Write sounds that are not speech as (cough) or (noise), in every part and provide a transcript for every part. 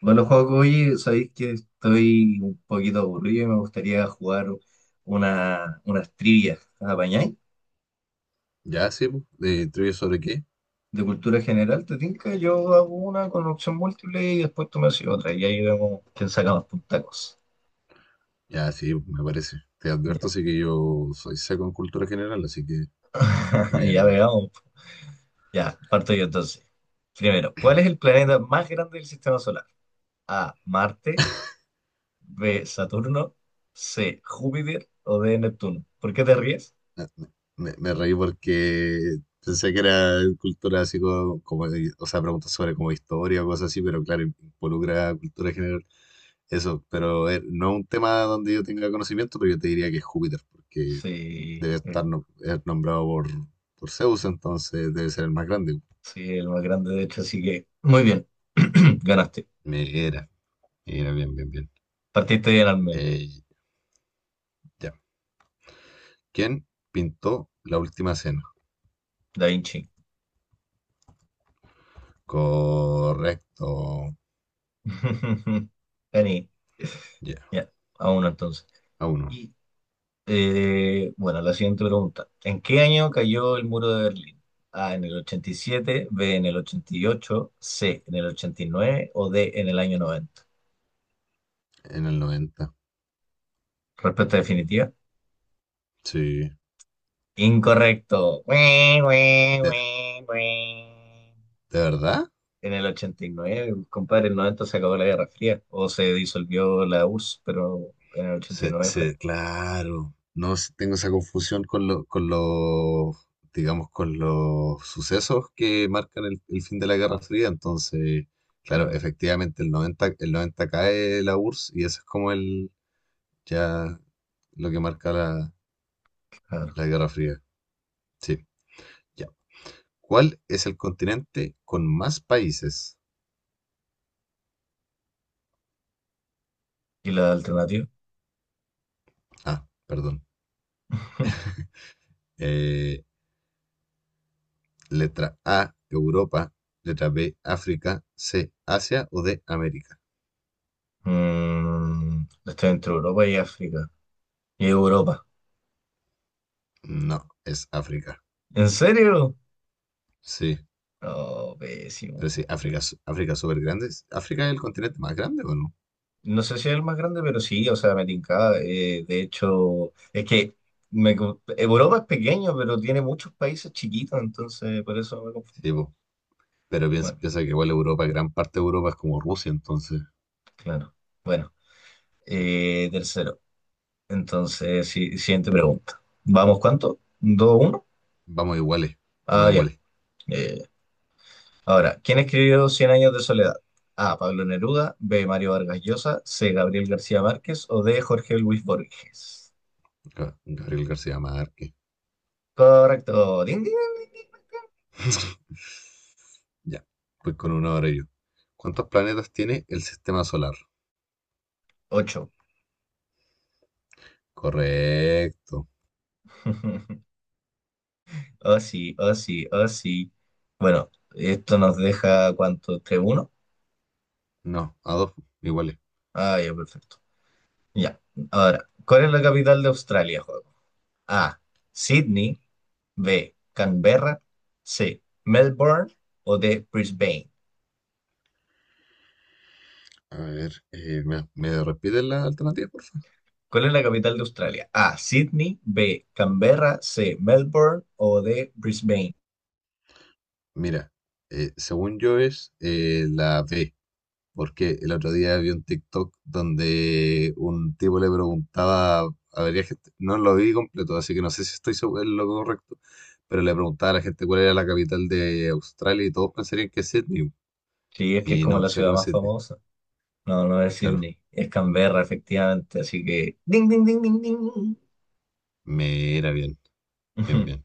Bueno, juego oye, sabéis que estoy un poquito aburrido y me gustaría jugar unas trivias. ¿Apañáis? Ya, sí, po. ¿De trivia sobre qué? De cultura general, ¿te tinca? Yo hago una con opción múltiple y después tú me haces otra. Y ahí vemos quién saca más puntacos. Ya, sí, po, me parece. Te Ya, advierto, sí que yo soy seco en cultura general, así que no (laughs) me voy a ya ganar. veamos. Ya, parto yo entonces. Primero, ¿cuál es el planeta más grande del sistema solar? A. Marte. B. Saturno. C. Júpiter. O D. Neptuno. ¿Por qué te ríes? Ah, me reí porque pensé que era cultura así como, o sea, preguntas sobre como historia o cosas así, pero claro, involucra cultura general. Eso, pero no un tema donde yo tenga conocimiento, pero yo te diría que es Júpiter, porque Sí. Es es nombrado por Zeus, entonces debe ser el más grande. Sí, el más grande, de hecho, así que muy bien. (clears throat) Ganaste. Me era, era bien, bien, bien. Partiste bien al menos. Eh, ya. ¿Quién pintó La Última Cena? Da Vinci. Correcto. (laughs) Gané. Ya, Ya, a uno entonces. a uno. Y bueno, la siguiente pregunta. ¿En qué año cayó el muro de Berlín? A, en el 87. B, en el 88. C, en el 89. O D, en el año 90. En el noventa. Respuesta definitiva. Sí. Incorrecto. Ue, ue, ¿De ue, ue. verdad? En el 89, compadre, en el 90 se acabó la Guerra Fría o se disolvió la URSS, pero en el ochenta y nueve fue. Claro. No s- Tengo esa confusión con con los, digamos, con los sucesos que marcan el fin de la Guerra Fría. Entonces, claro, Claro, efectivamente el 90 cae la URSS y eso es como el, ya, lo que marca la, claro. la Guerra Fría. Sí. ¿Cuál es el continente con más países? ¿Y la alternativa? Ah, perdón. (laughs) Eh, letra A, Europa. Letra B, África. C, Asia o D, América. Estoy entre Europa y África. Y Europa. No, es África. ¿En serio? Sí, No, pésimo. pero sí, África es súper grande. ¿África es el continente más grande o no? No sé si es el más grande, pero sí, o sea, me tincaba, de hecho, es que Europa es pequeño, pero tiene muchos países chiquitos, entonces por eso me confundí. Sí, po. Pero piensa, Bueno, piensa que igual Europa, gran parte de Europa es como Rusia, entonces. claro. Bueno, Sí. Tercero. Entonces, sí, siguiente pregunta. ¿Vamos cuánto? ¿Dos, uno? Vamos iguales, no Ah, ya. iguales. Ya, ya, ya. Ahora, ¿quién escribió Cien años de soledad? A. Pablo Neruda, B. Mario Vargas Llosa, C. Gabriel García Márquez o D. Jorge Luis Borges. Gabriel García Márquez. Correcto. Ding, ding, ding, ding. Ya, pues con una hora yo. ¿Cuántos planetas tiene el sistema solar? Ocho. Correcto. (laughs) Oh, sí, oh, sí, oh, sí. Bueno, esto nos deja cuánto, 3-1. No, a dos iguales. Ah, ya, perfecto. Ya. Ahora, ¿cuál es la capital de Australia, juego? A. Sydney, B. Canberra. C. Melbourne o D. Brisbane. A ver, ¿Me repites la alternativa, por favor? ¿Cuál es la capital de Australia? A. Sydney. B. Canberra. C. Melbourne o D. Brisbane. Mira, según yo es la B, porque el otro día vi un TikTok donde un tipo le preguntaba, a ver, gente, no lo vi completo, así que no sé si estoy seguro en lo correcto, pero le preguntaba a la gente cuál era la capital de Australia y todos pensarían que es Sydney, Sí, es que es y como no, la sé que ciudad no es más Sydney. famosa. No, no es Claro, Sydney. Es Canberra, efectivamente. Así que. Ding, ding, ding, ding, ding. (laughs) me era bien, bien, Ujú. bien.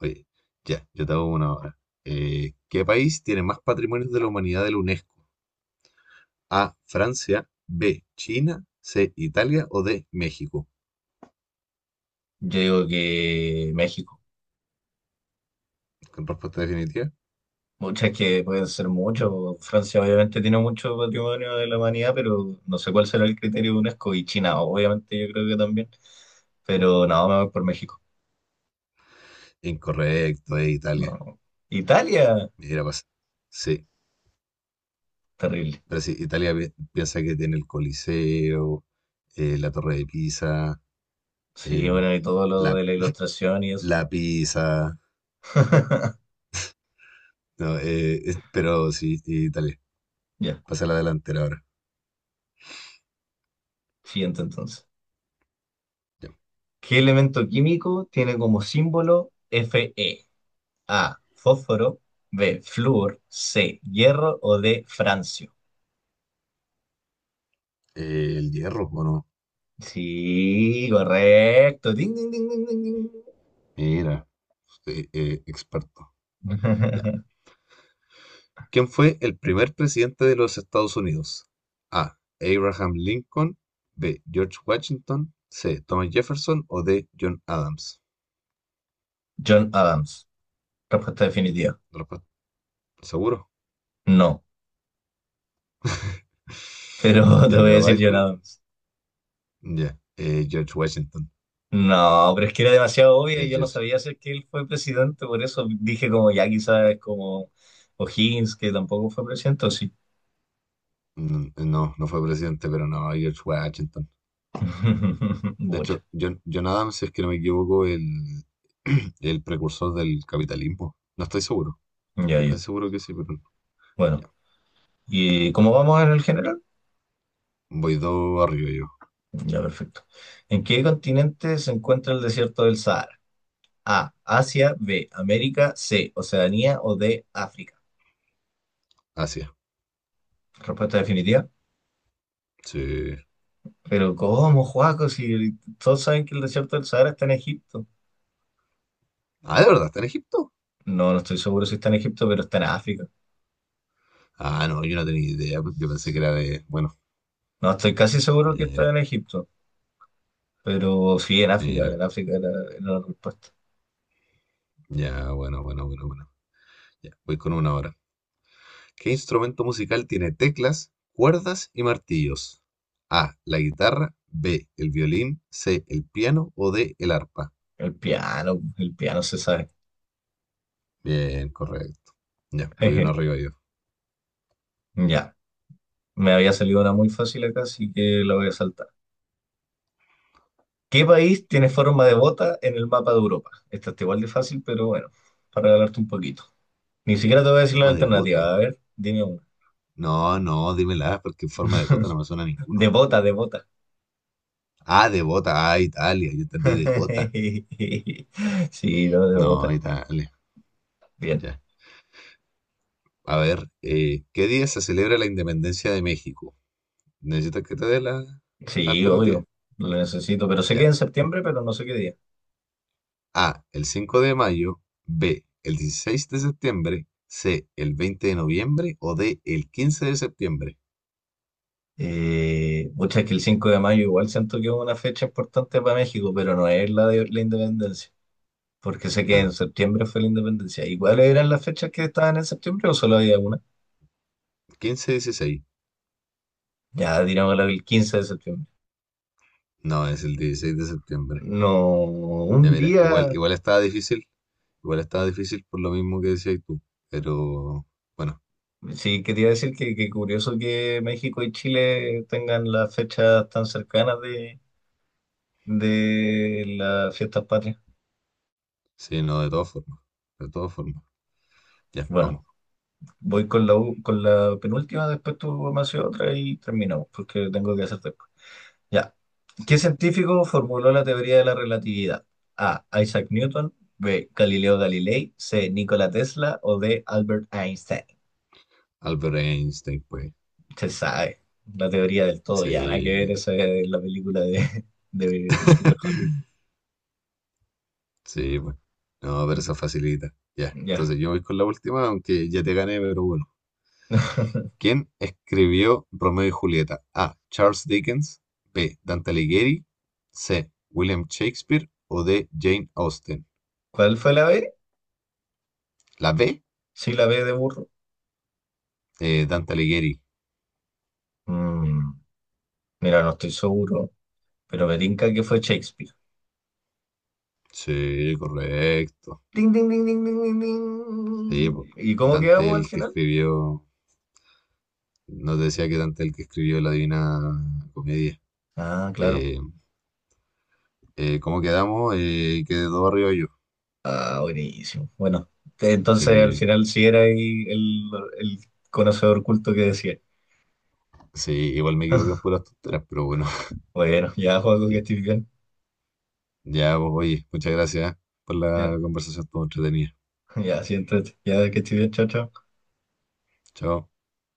Oye, ya, yo te hago una ahora. ¿Qué país tiene más patrimonios de la humanidad de la UNESCO? A, Francia, B, China, C, Italia o D, México. Yo digo que México. Con respuesta definitiva. Muchas que pueden ser mucho. Francia obviamente tiene mucho patrimonio de la humanidad, pero no sé cuál será el criterio de UNESCO. Y China, obviamente, yo creo que también. Pero no, me voy por México. Incorrecto, es No. Italia. No. Italia, Mira, pasa. Sí, terrible. pero sí, piensa que tiene el Coliseo, la Torre de Pisa, Sí, eh, bueno, y todo lo la, de la ilustración y eso. la Pisa. (laughs) No, pero sí, Italia. Ya, Pasa a la delantera ahora. siguiente entonces. Ya. ¿Qué elemento químico tiene como símbolo Fe? A, fósforo, B, flúor, C, hierro o D, francio. El hierro, ¿o no? Sí, correcto. Ding, ding, ding, ding, ding, ding. Mira. Sí, experto. Ya. (laughs) ¿Quién fue el primer presidente de los Estados Unidos? A. Abraham Lincoln. B. George Washington. C. Thomas Jefferson. O D. John Adams. John Adams. Respuesta definitiva. Respuesta, ¿seguro? No, pero (laughs) te Ya, voy a pero decir va John con... Adams. Ya. George Washington. No, pero es que era demasiado obvia Eh, y yo no George- sabía si que él fue presidente, por eso dije como ya quizás es como O'Higgins, que tampoco fue presidente, o sí. No, no fue presidente, pero no, George Washington. (laughs) De Mucho. hecho, John Adams, si es que no me equivoco, el, (clears throat) el precursor del capitalismo. No estoy seguro. Ya, Estoy ya. casi seguro que sí, pero no. Bueno, Ya. ¿y cómo vamos en el general? Voy dos arriba yo. Ya, perfecto. ¿En qué continente se encuentra el desierto del Sahara? A, Asia, B, América, C, Oceanía o D, África. Así. Respuesta definitiva. Sí. Pero ¿cómo, Juaco? Si todos saben que el desierto del Sahara está en Egipto. Ah, ¿de verdad está en Egipto? No, no estoy seguro si está en Egipto, pero está en África. Ah, no, yo no tenía idea. Yo pensé que Sí. era de. Bueno, No, estoy casi seguro que está mira, en Egipto, pero sí, mira. en África era la respuesta. Ya, bueno, bueno, bueno, bueno. Ya, voy con una hora. ¿Qué instrumento musical tiene teclas, cuerdas y martillos? A, la guitarra, B, el violín, C, el piano o D, el arpa. El piano se sabe. Bien, correcto. Ya, voy uno (laughs) arriba yo. Ya, me había salido una muy fácil acá, así que la voy a saltar. ¿Qué país tiene forma de bota en el mapa de Europa? Esta está igual de fácil, pero bueno, para regalarte un poquito. Ni siquiera te voy a decir la Forma de gota. alternativa, a ver, dime una. No, no, dímela, porque forma de gota (laughs) no me suena a De ninguno. bota, de bota. Ah, de bota. Ah, Italia. Yo entendí de gota. (laughs) Sí, no, de No, bota. Italia. Bien. Ya. A ver, ¿qué día se celebra la independencia de México? ¿Necesitas que te dé la, la Sí, alternativa? obvio, lo necesito, pero sé que es Ya. en septiembre, pero no sé qué día. A, el 5 de mayo, B, el 16 de septiembre, C, el 20 de noviembre o D, el 15 de septiembre. Muchas que el 5 de mayo igual siento que es una fecha importante para México, pero no es la de la independencia, porque sé que en Claro, septiembre fue la independencia. ¿Y cuáles eran las fechas que estaban en septiembre o solo había una? quince dieciséis. Ya, digamos la del 15 de septiembre. No, es el 16 de septiembre. No, un Ya mira, día, igual, igual estaba difícil por lo mismo que decías tú, pero bueno, sí, quería decir que, curioso que México y Chile tengan las fechas tan cercanas de las fiestas patrias. sí, no, de todas formas, de todas formas. Ya, Bueno, vamos, voy con la penúltima, después tú me haces otra y terminamos, porque tengo que hacer. Ya. ¿Qué sí. científico formuló la teoría de la relatividad? A. Isaac Newton. B. Galileo Galilei. C. Nikola Tesla. O D. Albert Einstein. Albert Einstein, pues, Se sabe. La teoría del todo ya. Nada que ver, sí. esa es la película de Stephen Hawking. (laughs) Sí, pues. No, pero esa facilita. Ya. Ya. Entonces yo voy con la última, aunque ya te gané, pero bueno. (laughs) ¿Quién escribió Romeo y Julieta? A. Charles Dickens. B. Dante Alighieri. C. William Shakespeare. O D. Jane Austen. ¿Cuál fue la B? La B. Sí, la B de burro. Dante Alighieri. Mm, Mira, no estoy seguro, pero me tinca que fue Shakespeare. Sí, correcto. Ding, ding, ding, ding, ding, ding, Sí, pues. ding. ¿Y cómo Dante quedamos al el que final? escribió. Nos decía que Dante el que escribió la Divina Comedia. Ah, claro. Eh, ¿Cómo quedamos? Quedó arriba yo. Ah, buenísimo. Bueno, entonces al Sí, final sí era ahí el, conocedor culto que decía. Sí, igual me equivoqué en (laughs) puras tonteras, pero bueno, (laughs) Bueno, ya, Joaco, que sí. estés bien. Ya, pues, oye, muchas gracias por Ya, la conversación, estuvo entretenida. ya, siéntate. Ya, que estés bien, chao, chao. Chao.